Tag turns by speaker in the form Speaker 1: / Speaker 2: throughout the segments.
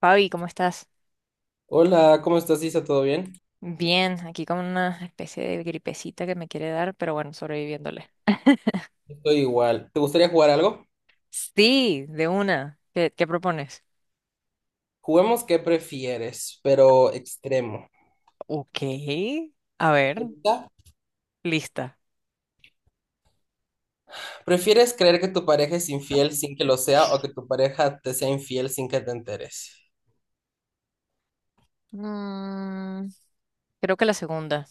Speaker 1: Fabi, ¿cómo estás?
Speaker 2: Hola, ¿cómo estás, Isa? ¿Todo bien?
Speaker 1: Bien, aquí con una especie de gripecita que me quiere dar, pero bueno, sobreviviéndole.
Speaker 2: Estoy igual. ¿Te gustaría jugar algo?
Speaker 1: Sí, de una. ¿Qué propones?
Speaker 2: Juguemos qué prefieres, pero extremo.
Speaker 1: Ok, a ver,
Speaker 2: ¿Está?
Speaker 1: lista.
Speaker 2: ¿Prefieres creer que tu pareja es infiel sin que lo sea o que tu pareja te sea infiel sin que te enteres?
Speaker 1: Mm, Creo que la segunda.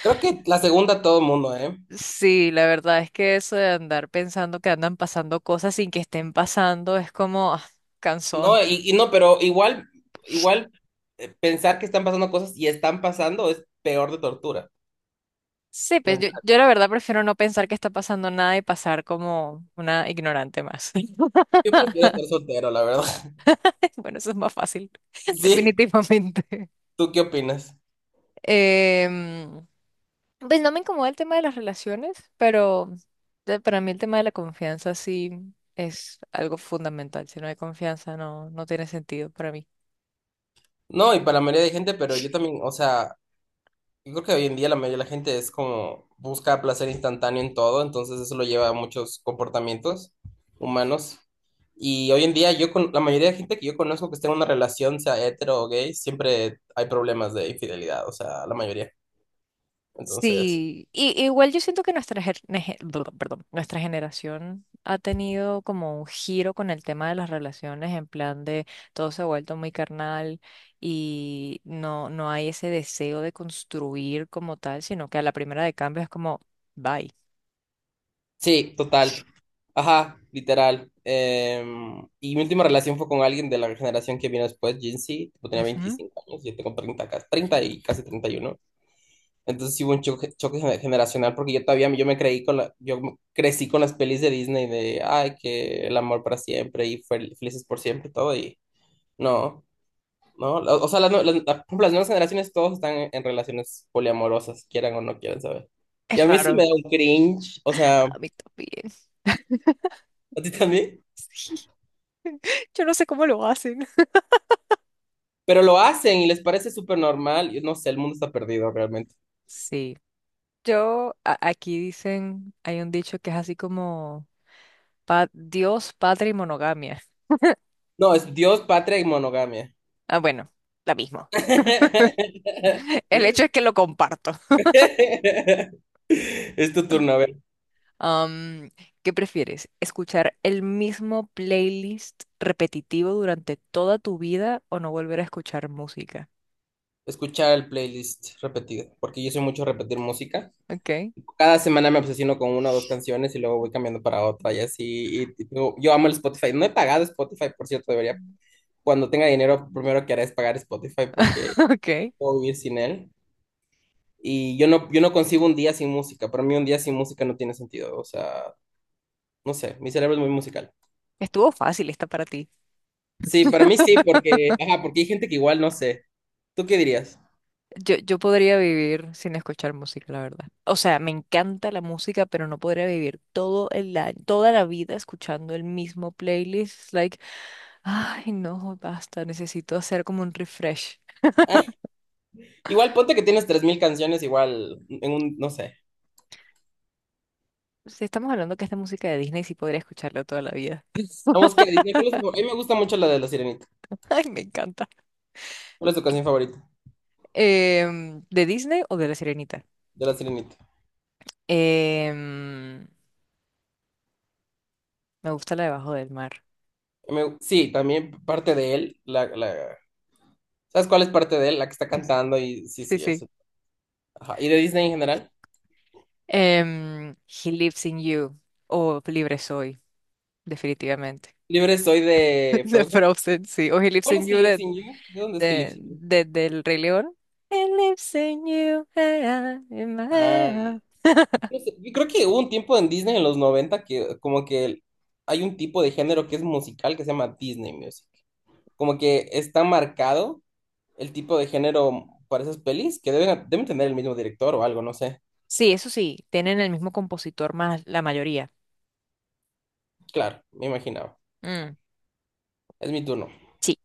Speaker 2: Creo que la segunda todo el mundo, ¿eh?
Speaker 1: Sí, la verdad es que eso de andar pensando que andan pasando cosas sin que estén pasando es como cansón.
Speaker 2: No, y no, pero igual, igual pensar que están pasando cosas y están pasando es peor de tortura
Speaker 1: Sí, pues yo,
Speaker 2: mental.
Speaker 1: yo la verdad prefiero no pensar que está pasando nada y pasar como una ignorante más.
Speaker 2: Yo prefiero estar soltero, la verdad.
Speaker 1: Bueno, eso es más fácil,
Speaker 2: Sí,
Speaker 1: definitivamente.
Speaker 2: ¿tú qué opinas?
Speaker 1: Em, pues no me incomoda el tema de las relaciones, pero para mí el tema de la confianza sí es algo fundamental. Si no hay confianza, no, no tiene sentido para mí.
Speaker 2: No, y para la mayoría de gente, pero yo también, o sea, yo creo que hoy en día la mayoría de la gente es como busca placer instantáneo en todo, entonces eso lo lleva a muchos comportamientos humanos. Y hoy en día yo con la mayoría de gente que yo conozco que esté en una relación, sea hetero o gay, siempre hay problemas de infidelidad, o sea, la mayoría. Entonces,
Speaker 1: Sí, y, igual yo siento que nuestra, ger- nege- bla- perdón, nuestra generación ha tenido como un giro con el tema de las relaciones, en plan de todo se ha vuelto muy carnal y no, no hay ese deseo de construir como tal, sino que a la primera de cambio es como, bye.
Speaker 2: sí, total. Ajá, literal. Y mi última relación fue con alguien de la generación que vino después, Gen Z, tipo, tenía
Speaker 1: Ujú.
Speaker 2: 25 años, yo tengo 30, casi treinta, y casi 31. Entonces sí hubo un choque generacional porque yo todavía, yo me creí con la, yo crecí con las pelis de Disney de ay que el amor para siempre y felices por siempre y todo. Y no, no, o sea, las, nue- las, la- por ejemplo, las nuevas generaciones todos están en relaciones poliamorosas, quieran o no quieran saber. Y
Speaker 1: Es
Speaker 2: a mí sí me
Speaker 1: raro.
Speaker 2: da un cringe, o sea,
Speaker 1: A mí también.
Speaker 2: a ti también,
Speaker 1: Sí. Yo no sé cómo lo hacen.
Speaker 2: pero lo hacen y les parece súper normal, y no sé, el mundo está perdido realmente.
Speaker 1: Sí. Yo, aquí dicen, hay un dicho que es así como Dios, padre y monogamia.
Speaker 2: No, es Dios, patria y monogamia.
Speaker 1: Ah, bueno, la misma. El hecho es que lo comparto.
Speaker 2: Es tu turno, a ver.
Speaker 1: Am, ¿Qué prefieres? ¿Escuchar el mismo playlist repetitivo durante toda tu vida o no volver a escuchar música?
Speaker 2: Escuchar el playlist repetido, porque yo soy mucho de repetir música.
Speaker 1: Ok.
Speaker 2: Cada semana me obsesiono con una o dos canciones y luego voy cambiando para otra y así. Y yo amo el Spotify. No he pagado Spotify, por cierto, debería. Cuando tenga dinero, primero que haré es pagar Spotify porque no
Speaker 1: Ok.
Speaker 2: puedo vivir sin él. Y yo no, yo no concibo un día sin música. Para mí un día sin música no tiene sentido. O sea, no sé, mi cerebro es muy musical.
Speaker 1: Estuvo fácil esta para ti.
Speaker 2: Sí, para mí sí, porque, ajá, porque hay gente que igual no sé. ¿Tú qué dirías?
Speaker 1: Yo podría vivir sin escuchar música, la verdad. O sea, me encanta la música, pero no podría vivir todo el año, toda la vida escuchando el mismo playlist. It's Like, ay, no, basta, necesito hacer como un refresh.
Speaker 2: Ah, igual ponte que tienes 3.000 canciones, igual en un, no sé.
Speaker 1: Si estamos hablando que esta música de Disney sí podría escucharla toda la vida.
Speaker 2: La música de Disney, ¿cuál es tu favorita? A mí me gusta mucho la de La Sirenita.
Speaker 1: Ay, me encanta.
Speaker 2: ¿Cuál es tu canción favorita
Speaker 1: ¿De Disney o de La Sirenita?
Speaker 2: de La Sirenita?
Speaker 1: Em, me gusta la de Bajo del Mar.
Speaker 2: Sí, también parte de él, la, la... ¿Sabes cuál es parte de él? La que está cantando y sí,
Speaker 1: Sí,
Speaker 2: sí,
Speaker 1: sí.
Speaker 2: eso. Ajá. ¿Y de Disney en general?
Speaker 1: He Lives in You o Libre Soy, definitivamente.
Speaker 2: Libre soy de
Speaker 1: De
Speaker 2: Frozen.
Speaker 1: Frozen, sí. O He Lives
Speaker 2: ¿Cuál
Speaker 1: in
Speaker 2: es He
Speaker 1: You
Speaker 2: Lives in You? ¿De dónde es He Lives in You?
Speaker 1: del Rey León. He lives in you, in my head,
Speaker 2: Ah,
Speaker 1: ah.
Speaker 2: no sé, yo creo que hubo un tiempo en Disney en los 90 que como que hay un tipo de género que es musical que se llama Disney Music. Como que está marcado el tipo de género para esas pelis que deben, deben tener el mismo director o algo, no sé.
Speaker 1: Sí, eso sí, tienen el mismo compositor más la mayoría.
Speaker 2: Claro, me imaginaba.
Speaker 1: Mm,
Speaker 2: Es mi turno.
Speaker 1: sí.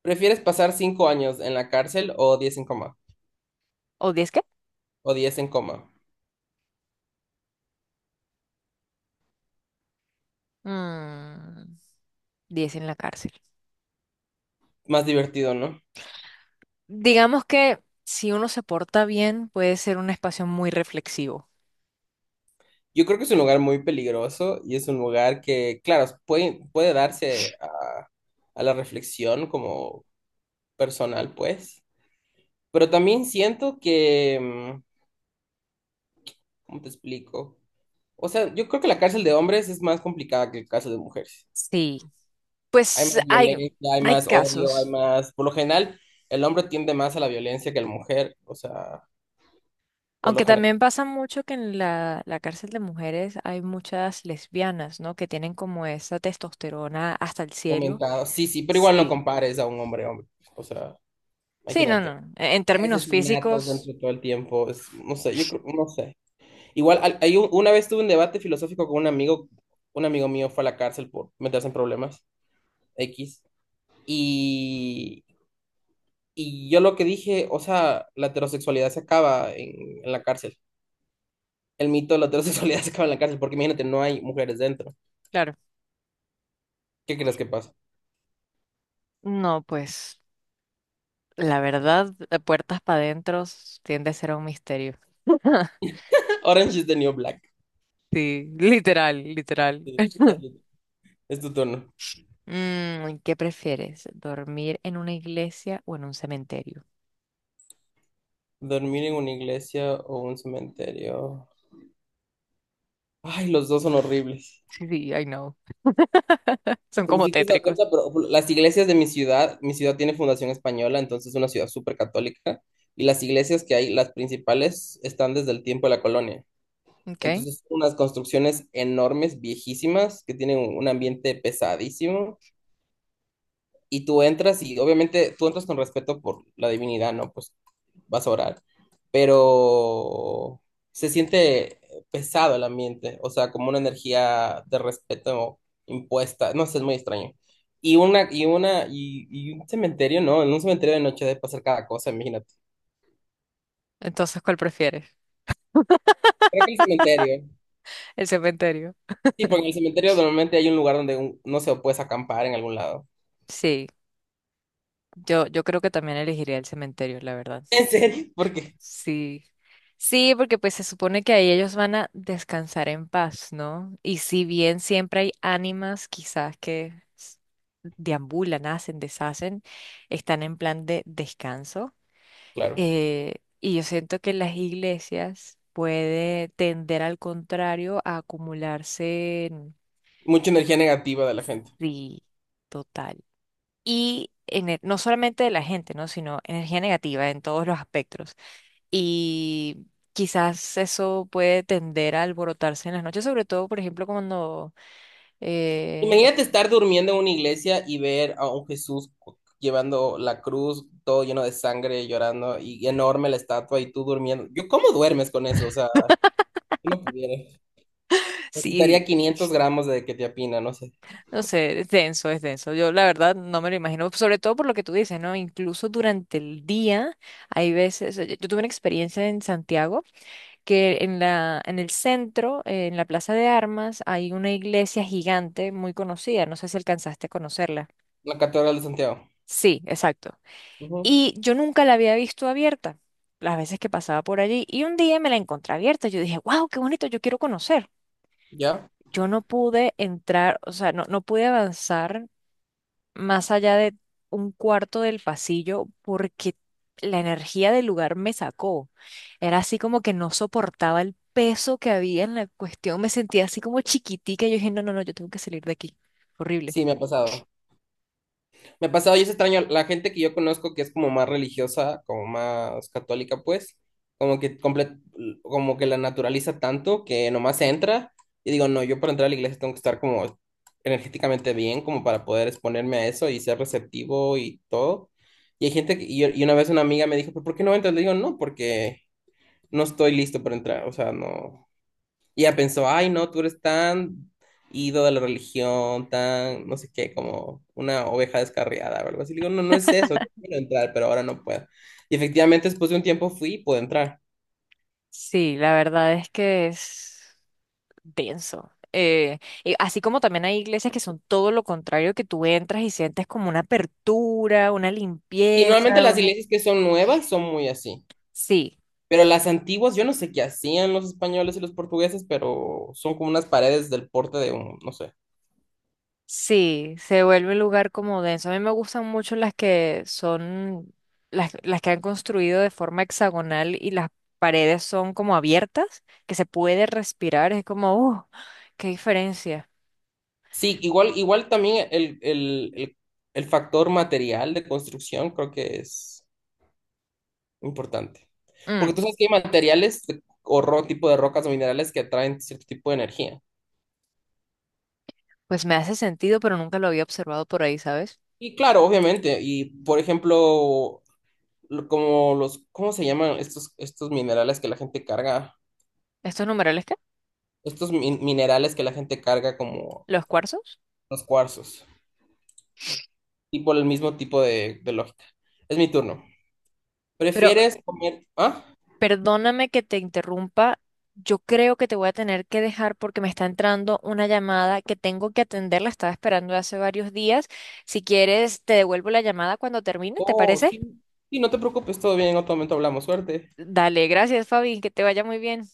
Speaker 2: ¿Prefieres pasar 5 años en la cárcel o 10 en coma?
Speaker 1: ¿O diez qué?
Speaker 2: O diez en coma.
Speaker 1: Mm, 10 en la cárcel.
Speaker 2: Más divertido, ¿no?
Speaker 1: Digamos que si uno se porta bien, puede ser un espacio muy reflexivo.
Speaker 2: Yo creo que es un lugar muy peligroso y es un lugar que, claro, puede, puede darse a la reflexión como personal, pues. Pero también siento que, ¿cómo te explico? O sea, yo creo que la cárcel de hombres es más complicada que la cárcel de mujeres.
Speaker 1: Sí.
Speaker 2: Hay
Speaker 1: Pues
Speaker 2: más
Speaker 1: hay,
Speaker 2: violencia, hay
Speaker 1: hay
Speaker 2: más odio, hay
Speaker 1: casos.
Speaker 2: más. Por lo general, el hombre tiende más a la violencia que la mujer. O sea, por lo
Speaker 1: Aunque
Speaker 2: general.
Speaker 1: también pasa mucho que en la, la cárcel de mujeres hay muchas lesbianas, ¿no? Que tienen como esa testosterona hasta el cielo.
Speaker 2: Comentado. Sí, sí, pero igual no
Speaker 1: Sí.
Speaker 2: compares a un hombre, hombre. O sea,
Speaker 1: Sí, no,
Speaker 2: imagínate.
Speaker 1: no. En
Speaker 2: Hay
Speaker 1: términos
Speaker 2: asesinatos
Speaker 1: físicos,
Speaker 2: dentro de todo el tiempo. No sé, yo creo, no sé. Igual, hay una vez tuve un debate filosófico con un amigo. Un amigo mío fue a la cárcel por meterse en problemas X. Y, y yo lo que dije, o sea, la heterosexualidad se acaba en la cárcel. El mito de la heterosexualidad se acaba en la cárcel porque imagínate, no hay mujeres dentro.
Speaker 1: claro.
Speaker 2: ¿Qué crees que pasa?
Speaker 1: No, pues la verdad, de puertas para adentro tiende a ser un misterio.
Speaker 2: Orange Is the New Black.
Speaker 1: Sí, literal, literal.
Speaker 2: Sí, es tu turno.
Speaker 1: ¿Qué prefieres? ¿Dormir en una iglesia o en un cementerio?
Speaker 2: Dormir en una iglesia o un cementerio. Ay, los dos son horribles.
Speaker 1: Sí, sí, I know. Son
Speaker 2: Porque
Speaker 1: como
Speaker 2: si te das
Speaker 1: tétricos.
Speaker 2: cuenta, pero las iglesias de mi ciudad tiene fundación española, entonces es una ciudad súper católica, y las iglesias que hay, las principales, están desde el tiempo de la colonia.
Speaker 1: Ok.
Speaker 2: Entonces, son unas construcciones enormes, viejísimas, que tienen un ambiente pesadísimo, y tú entras y obviamente tú entras con respeto por la divinidad, ¿no? Pues vas a orar, pero se siente pesado el ambiente, o sea, como una energía de respeto impuesta, no sé, es muy extraño. Y un cementerio, no, en un cementerio de noche debe pasar cada cosa, imagínate.
Speaker 1: Entonces, ¿cuál prefieres?
Speaker 2: Creo que el cementerio,
Speaker 1: El cementerio.
Speaker 2: sí, porque en el cementerio normalmente hay un lugar donde, no se puedes acampar en algún lado.
Speaker 1: Sí, yo creo que también elegiría el cementerio, la verdad.
Speaker 2: ¿En serio? ¿Por qué?
Speaker 1: Sí. Sí, porque pues se supone que ahí ellos van a descansar en paz, ¿no? Y si bien siempre hay ánimas quizás que s- deambulan, hacen, deshacen, están en plan de descanso.
Speaker 2: Claro,
Speaker 1: Eh, y yo siento que las iglesias puede tender al contrario a acumularse,
Speaker 2: mucha energía negativa de la gente.
Speaker 1: sí, y en no solamente de la gente, ¿no? Sino energía negativa en todos los aspectos. Y quizás eso puede tender a alborotarse en las noches, sobre todo, por ejemplo, cuando, eh,
Speaker 2: Imagínate estar durmiendo en una iglesia y ver a un Jesús llevando la cruz, todo lleno de sangre, llorando, y enorme la estatua, y tú durmiendo. Yo, ¿cómo duermes con eso? O sea, yo no pudiera. Necesitaría
Speaker 1: sí,
Speaker 2: 500 gramos de que te apina, no sé.
Speaker 1: no sé, es denso, es denso. Yo la verdad no me lo imagino, sobre todo por lo que tú dices, ¿no? Incluso durante el día hay veces, yo tuve una experiencia en Santiago que en la, en el centro, en la Plaza de Armas, hay una iglesia gigante muy conocida, no sé si alcanzaste a conocerla.
Speaker 2: La Catedral de Santiago.
Speaker 1: Sí, exacto.
Speaker 2: Ujú.
Speaker 1: Y yo nunca la había visto abierta, las veces que pasaba por allí. Y un día me la encontré abierta. Yo dije, wow, qué bonito, yo quiero conocer.
Speaker 2: ¿Ya?
Speaker 1: Yo no pude entrar, o sea, no, no pude avanzar más allá de un cuarto del pasillo porque la energía del lugar me sacó. Era así como que no soportaba el peso que había en la cuestión. Me sentía así como chiquitica. Yo dije, no, no, no, yo tengo que salir de aquí. Horrible.
Speaker 2: Sí, me ha pasado. Me ha pasado y es extraño. La gente que yo conozco que es como más religiosa, como más católica, pues, como que como que la naturaliza tanto que nomás entra. Y digo, no, yo para entrar a la iglesia tengo que estar como energéticamente bien, como para poder exponerme a eso y ser receptivo y todo. Y hay gente que, y una vez una amiga me dijo: "¿Pero por qué no entras?" Le digo, no, porque no estoy listo para entrar, o sea, no. Y ella pensó, ay, no, tú eres tan ido de la religión, tan, no sé qué, como una oveja descarriada o algo así. Le digo, no, no es eso, yo quiero entrar, pero ahora no puedo. Y efectivamente, después de un tiempo fui y pude entrar.
Speaker 1: Sí, la verdad es que es denso. Así como también hay iglesias que son todo lo contrario, que tú entras y sientes como una apertura, una
Speaker 2: Y normalmente
Speaker 1: limpieza,
Speaker 2: las
Speaker 1: un...
Speaker 2: iglesias que son nuevas son muy así.
Speaker 1: Sí,
Speaker 2: Pero las antiguas, yo no sé qué hacían los españoles y los portugueses, pero son como unas paredes del porte de un, no sé.
Speaker 1: sí, se vuelve un lugar como denso. A mí me gustan mucho las que son, las que han construido de forma hexagonal y las paredes son como abiertas, que se puede respirar, es como, ¡uh! ¡Qué diferencia!
Speaker 2: Sí, igual, igual también el factor material de construcción creo que es importante. Porque
Speaker 1: Mm,
Speaker 2: tú sabes que hay materiales tipo de rocas o minerales que atraen cierto tipo de energía.
Speaker 1: pues me hace sentido, pero nunca lo había observado por ahí, ¿sabes?
Speaker 2: Y claro, obviamente. Y por ejemplo, como los, ¿cómo se llaman estos, estos minerales que la gente carga?
Speaker 1: ¿Estos numerales qué?
Speaker 2: Minerales que la gente carga como
Speaker 1: ¿Los cuarzos?
Speaker 2: los cuarzos. Y por el mismo tipo de lógica. Es mi turno.
Speaker 1: Pero
Speaker 2: ¿Prefieres comer? ¿Ah?
Speaker 1: perdóname que te interrumpa. Yo creo que te voy a tener que dejar porque me está entrando una llamada que tengo que atender. La estaba esperando hace varios días. Si quieres, te devuelvo la llamada cuando termine, ¿te
Speaker 2: Oh,
Speaker 1: parece?
Speaker 2: sí. Sí, no te preocupes, todo bien, en otro momento hablamos. Suerte.
Speaker 1: Dale, gracias, Fabi. Que te vaya muy bien.